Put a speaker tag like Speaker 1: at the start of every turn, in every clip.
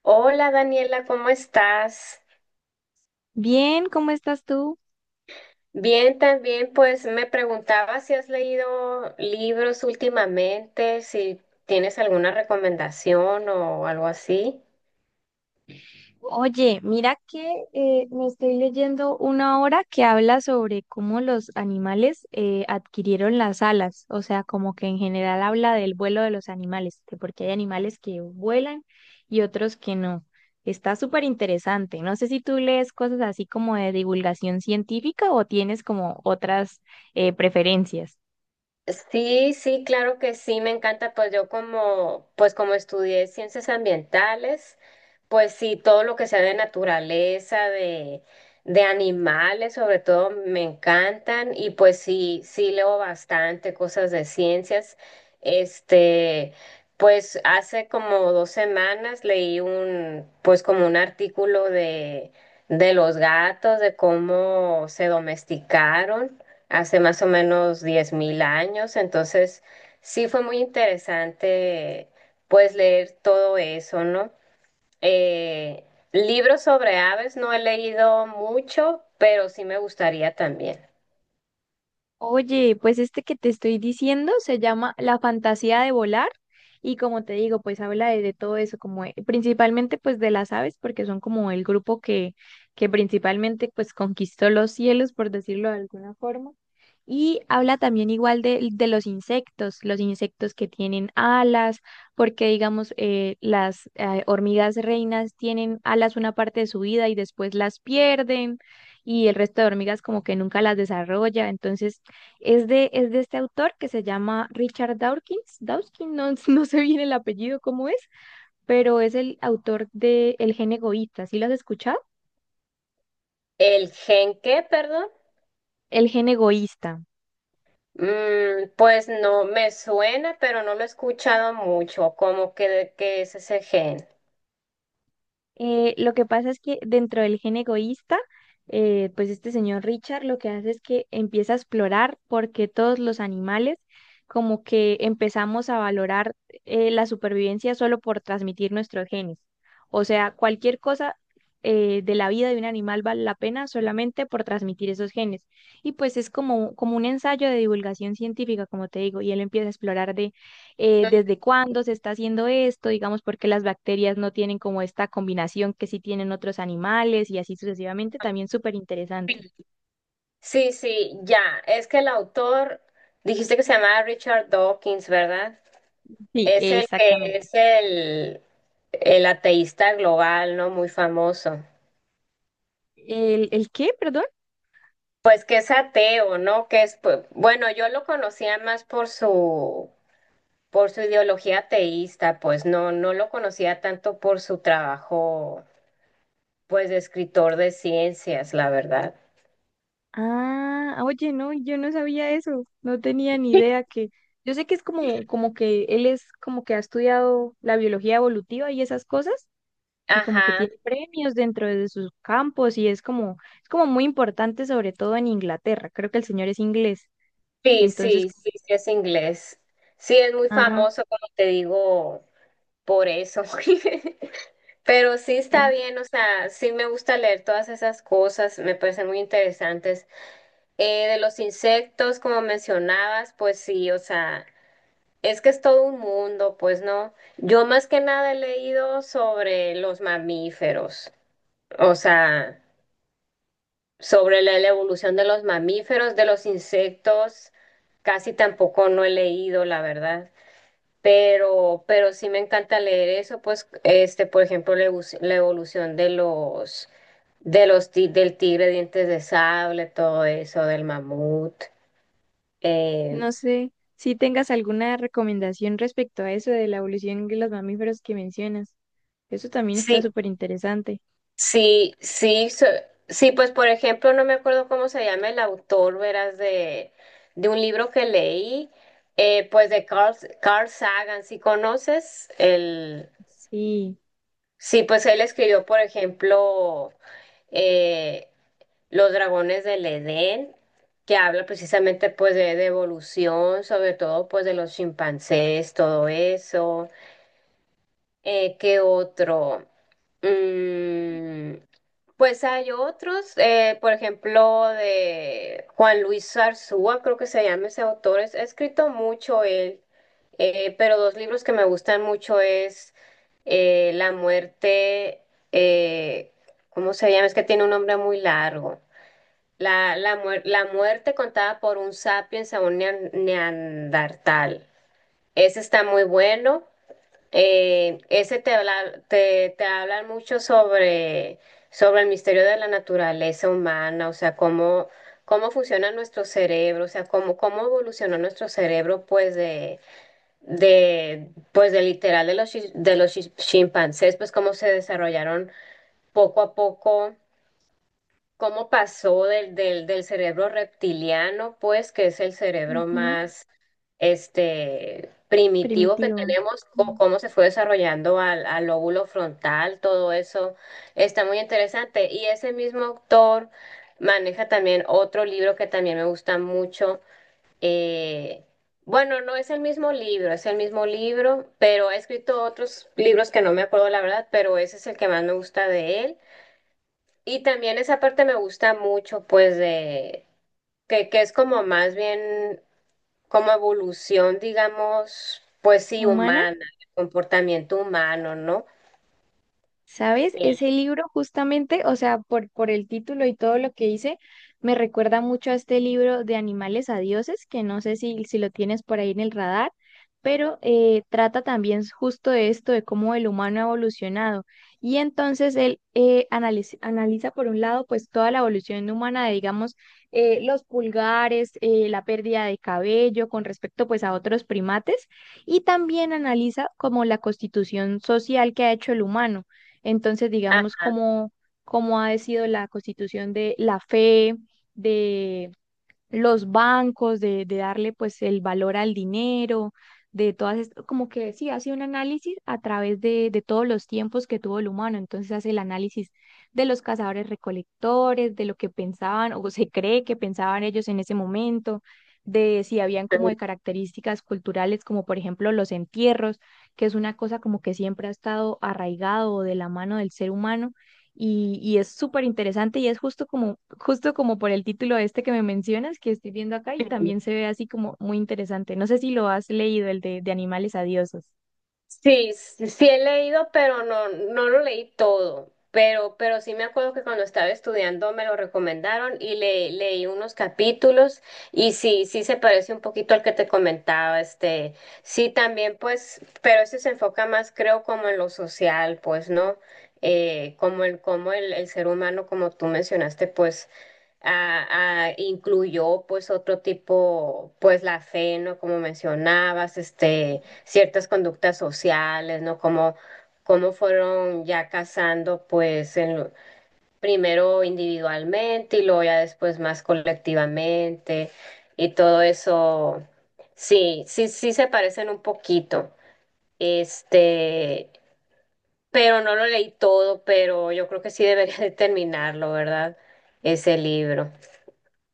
Speaker 1: Hola Daniela, ¿cómo estás?
Speaker 2: Bien, ¿cómo estás tú?
Speaker 1: Bien, también pues me preguntaba si has leído libros últimamente, si tienes alguna recomendación o algo así.
Speaker 2: Oye, mira que me estoy leyendo una obra que habla sobre cómo los animales adquirieron las alas, o sea, como que en general habla del vuelo de los animales, de por qué hay animales que vuelan y otros que no. Está súper interesante. No sé si tú lees cosas así como de divulgación científica o tienes como otras preferencias.
Speaker 1: Sí, sí, claro que sí, me encanta, pues yo como, pues como estudié ciencias ambientales, pues sí, todo lo que sea de naturaleza, de animales, sobre todo, me encantan y pues sí, sí leo bastante cosas de ciencias. Este, pues hace como dos semanas leí un, pues como un artículo de los gatos, de cómo se domesticaron hace más o menos 10.000 años. Entonces, sí fue muy interesante, pues, leer todo eso, ¿no? Eh, Libros sobre aves no he leído mucho, pero sí me gustaría también.
Speaker 2: Oye, pues este que te estoy diciendo se llama La fantasía de volar y como te digo, pues habla de todo eso, como principalmente pues de las aves, porque son como el grupo que principalmente pues conquistó los cielos, por decirlo de alguna forma. Y habla también igual de los insectos que tienen alas, porque digamos las hormigas reinas tienen alas una parte de su vida y después las pierden y el resto de hormigas como que nunca las desarrolla. Entonces es de este autor que se llama Richard Dawkins. Dawkins, no, no sé bien el apellido cómo es, pero es el autor de El gen egoísta. ¿Sí lo has escuchado?
Speaker 1: El qué, perdón.
Speaker 2: El gen egoísta.
Speaker 1: Mm, pues no me suena, pero no lo he escuchado mucho. ¿Cómo que de qué es ese gen?
Speaker 2: Lo que pasa es que dentro del gen egoísta, pues este señor Richard lo que hace es que empieza a explorar por qué todos los animales como que empezamos a valorar la supervivencia solo por transmitir nuestros genes. O sea, cualquier cosa de la vida de un animal vale la pena solamente por transmitir esos genes. Y pues es como, como un ensayo de divulgación científica, como te digo, y él empieza a explorar de
Speaker 1: Mm.
Speaker 2: desde cuándo se está haciendo esto, digamos, porque las bacterias no tienen como esta combinación que sí tienen otros animales y así sucesivamente, también súper interesante.
Speaker 1: Sí, sí, ya. Es que el autor, dijiste que se llamaba Richard Dawkins, ¿verdad?
Speaker 2: Sí,
Speaker 1: Es el que
Speaker 2: exactamente.
Speaker 1: es el ateísta global, ¿no? Muy famoso.
Speaker 2: El qué, perdón?
Speaker 1: Pues que es ateo, ¿no? Que es, pues, bueno, yo lo conocía más por su ideología ateísta, pues no, no lo conocía tanto por su trabajo, pues de escritor de ciencias, la verdad.
Speaker 2: Ah, oye, no, yo no sabía eso, no tenía ni idea que... Yo sé que es como, como que él es como que ha estudiado la biología evolutiva y esas cosas, y como que
Speaker 1: Ajá,
Speaker 2: tiene premios dentro de sus campos, y es como muy importante, sobre todo en Inglaterra. Creo que el señor es inglés.
Speaker 1: sí,
Speaker 2: Entonces,
Speaker 1: sí, sí, sí es inglés. Sí, es muy
Speaker 2: ah,
Speaker 1: famoso, como te digo, por eso. Pero sí está
Speaker 2: ujú.
Speaker 1: bien, o sea, sí me gusta leer todas esas cosas, me parecen muy interesantes. De los insectos, como mencionabas, pues sí, o sea, es que es todo un mundo, pues no. Yo más que nada he leído sobre los mamíferos, o sea, sobre la evolución de los mamíferos, de los insectos, casi tampoco no he leído, la verdad. Pero sí me encanta leer eso, pues, este, por ejemplo, la evolución de los del tigre dientes de sable, todo eso, del mamut. Eh,
Speaker 2: No sé si tengas alguna recomendación respecto a eso de la evolución de los mamíferos que mencionas. Eso también está
Speaker 1: sí,
Speaker 2: súper interesante.
Speaker 1: sí, sí, sí, pues por ejemplo, no me acuerdo cómo se llama el autor, verás, de un libro que leí, pues de Carl Sagan, si conoces el,
Speaker 2: Sí,
Speaker 1: sí, pues él escribió, por ejemplo, eh, Los dragones del Edén, que habla precisamente pues de evolución, sobre todo pues de los chimpancés, todo eso. ¿Qué otro? Mm, pues hay otros, por ejemplo, de Juan Luis Zarzúa, creo que se llama ese autor. Es, ha escrito mucho él, pero dos libros que me gustan mucho es La muerte, eh, ¿cómo se llama? Es que tiene un nombre muy largo. La muerte contada por un sapiens a un neandertal. Ese está muy bueno. Ese te habla, te hablan mucho sobre, sobre el misterio de la naturaleza humana, o sea, cómo, cómo funciona nuestro cerebro, o sea, cómo, cómo evolucionó nuestro cerebro, pues, de, pues, de literal de los chimpancés, pues, cómo se desarrollaron poco a poco cómo pasó del cerebro reptiliano, pues, que es el cerebro
Speaker 2: ujú.
Speaker 1: más este, primitivo que
Speaker 2: Primitivo.
Speaker 1: tenemos, o
Speaker 2: Mm.
Speaker 1: cómo se fue desarrollando al lóbulo frontal, todo eso está muy interesante. Y ese mismo autor maneja también otro libro que también me gusta mucho. Eh, bueno, no es el mismo libro, es el mismo libro, pero ha escrito otros libros que no me acuerdo la verdad, pero ese es el que más me gusta de él. Y también esa parte me gusta mucho, pues, de que es como más bien como evolución, digamos, pues sí,
Speaker 2: ¿Humana?
Speaker 1: humana, comportamiento humano, ¿no?
Speaker 2: ¿Sabes? Ese
Speaker 1: Eh,
Speaker 2: libro justamente, o sea, por el título y todo lo que hice, me recuerda mucho a este libro de Animales a Dioses, que no sé si lo tienes por ahí en el radar, pero trata también justo de esto, de cómo el humano ha evolucionado. Y entonces él analiza, por un lado, pues toda la evolución humana de, digamos, los pulgares, la pérdida de cabello con respecto pues a otros primates, y también analiza como la constitución social que ha hecho el humano. Entonces, digamos, cómo ha sido la constitución de la fe, los bancos, de darle pues el valor al dinero, de todas, como que sí, hace un análisis a través de todos los tiempos que tuvo el humano, entonces hace el análisis de los cazadores recolectores, de lo que pensaban o se cree que pensaban ellos en ese momento, de si habían como
Speaker 1: ajá.
Speaker 2: de características culturales, como por ejemplo los entierros, que es una cosa como que siempre ha estado arraigado o de la mano del ser humano y es súper interesante y es justo como por el título este que me mencionas, que estoy viendo acá y también se ve así como muy interesante. No sé si lo has leído, el de Animales Adiosos.
Speaker 1: Sí, sí sí he leído, pero no, no lo leí todo. Pero sí me acuerdo que cuando estaba estudiando me lo recomendaron y leí unos capítulos y sí, sí se parece un poquito al que te comentaba, este, sí también pues, pero ese se enfoca más creo como en lo social, pues, ¿no? El ser humano, como tú mencionaste, pues incluyó pues otro tipo, pues la fe, ¿no? Como mencionabas, este, ciertas conductas sociales, ¿no? Como, cómo fueron ya casando pues primero individualmente y luego ya después más colectivamente y todo eso. Sí, sí, sí se parecen un poquito. Este, pero no lo leí todo, pero yo creo que sí debería de terminarlo, ¿verdad? Ese libro.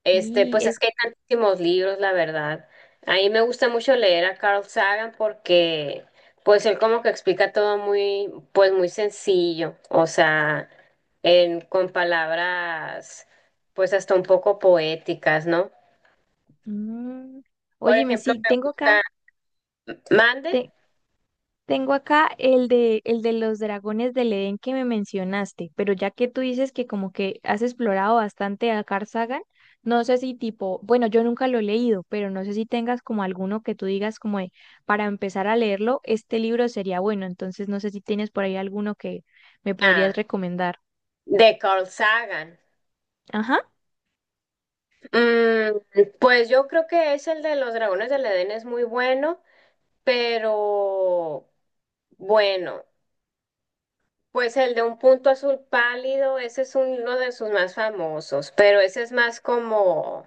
Speaker 1: Este,
Speaker 2: Sí,
Speaker 1: pues
Speaker 2: es...
Speaker 1: es que hay tantísimos libros, la verdad. A mí me gusta mucho leer a Carl Sagan porque, pues él como que explica todo muy, pues muy sencillo, o sea, en, con palabras, pues hasta un poco poéticas, ¿no?
Speaker 2: Mm.
Speaker 1: Por
Speaker 2: Óyeme,
Speaker 1: ejemplo,
Speaker 2: sí,
Speaker 1: me
Speaker 2: tengo
Speaker 1: gusta
Speaker 2: acá,
Speaker 1: Mande,
Speaker 2: te- tengo acá el de los dragones del Edén que me mencionaste, pero ya que tú dices que como que has explorado bastante a Carl Sagan, no sé si tipo, bueno, yo nunca lo he leído, pero no sé si tengas como alguno que tú digas como de, para empezar a leerlo, este libro sería bueno, entonces no sé si tienes por ahí alguno que me podrías
Speaker 1: ah,
Speaker 2: recomendar.
Speaker 1: de Carl Sagan.
Speaker 2: Ajá.
Speaker 1: Mm, pues yo creo que es el de los dragones del Edén es muy bueno, pero bueno. Pues el de un punto azul pálido, ese es uno de sus más famosos, pero ese es más como,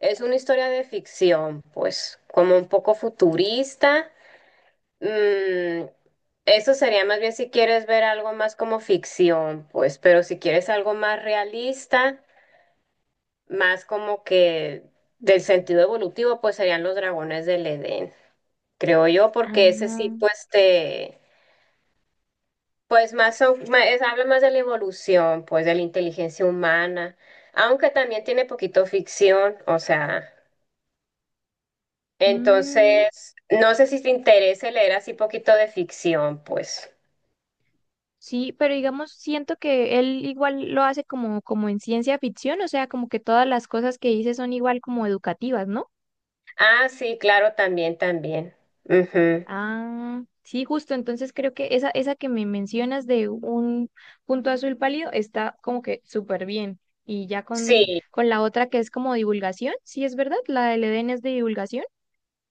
Speaker 1: es una historia de ficción, pues como un poco futurista. Mm, eso sería más bien si quieres ver algo más como ficción, pues, pero si quieres algo más realista, más como que del sentido evolutivo, pues serían los dragones del Edén, creo yo, porque ese sí,
Speaker 2: Ah,
Speaker 1: pues te... Pues más, habla más de la evolución, pues de la inteligencia humana, aunque también tiene poquito ficción, o sea,
Speaker 2: mm,
Speaker 1: entonces, no sé si te interese leer así poquito de ficción, pues.
Speaker 2: sí, pero digamos, siento que él igual lo hace como, como en ciencia ficción, o sea, como que todas las cosas que dice son igual como educativas, ¿no?
Speaker 1: Ah, sí, claro, también, también. Ujú.
Speaker 2: Ah, sí, justo. Entonces creo que esa que me mencionas de un punto azul pálido está como que súper bien. Y ya
Speaker 1: Sí.
Speaker 2: con la otra que es como divulgación, sí es verdad, la del Edén es de divulgación.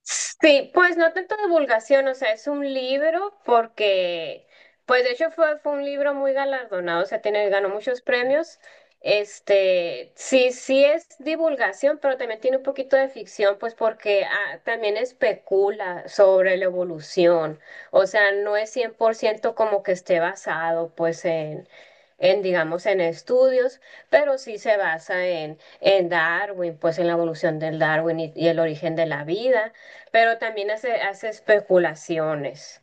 Speaker 1: Sí, pues no tanto divulgación, o sea, es un libro porque, pues de hecho fue un libro muy galardonado, o sea, tiene, ganó muchos premios. Este, sí, sí es divulgación, pero también tiene un poquito de ficción, pues porque ah, también especula sobre la evolución, o sea, no es 100% como que esté basado, pues en, digamos, en estudios, pero sí se basa en Darwin, pues en la evolución del Darwin y el origen de la vida. Pero también hace, hace especulaciones.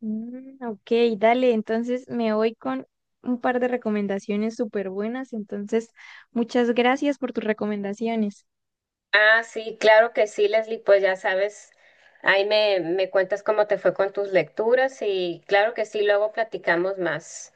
Speaker 2: Mm, ok, dale, entonces me voy con un par de recomendaciones súper buenas. Entonces, muchas gracias por tus recomendaciones.
Speaker 1: Ah, sí, claro que sí, Leslie, pues ya sabes, ahí me, me cuentas cómo te fue con tus lecturas y claro que sí, luego platicamos más.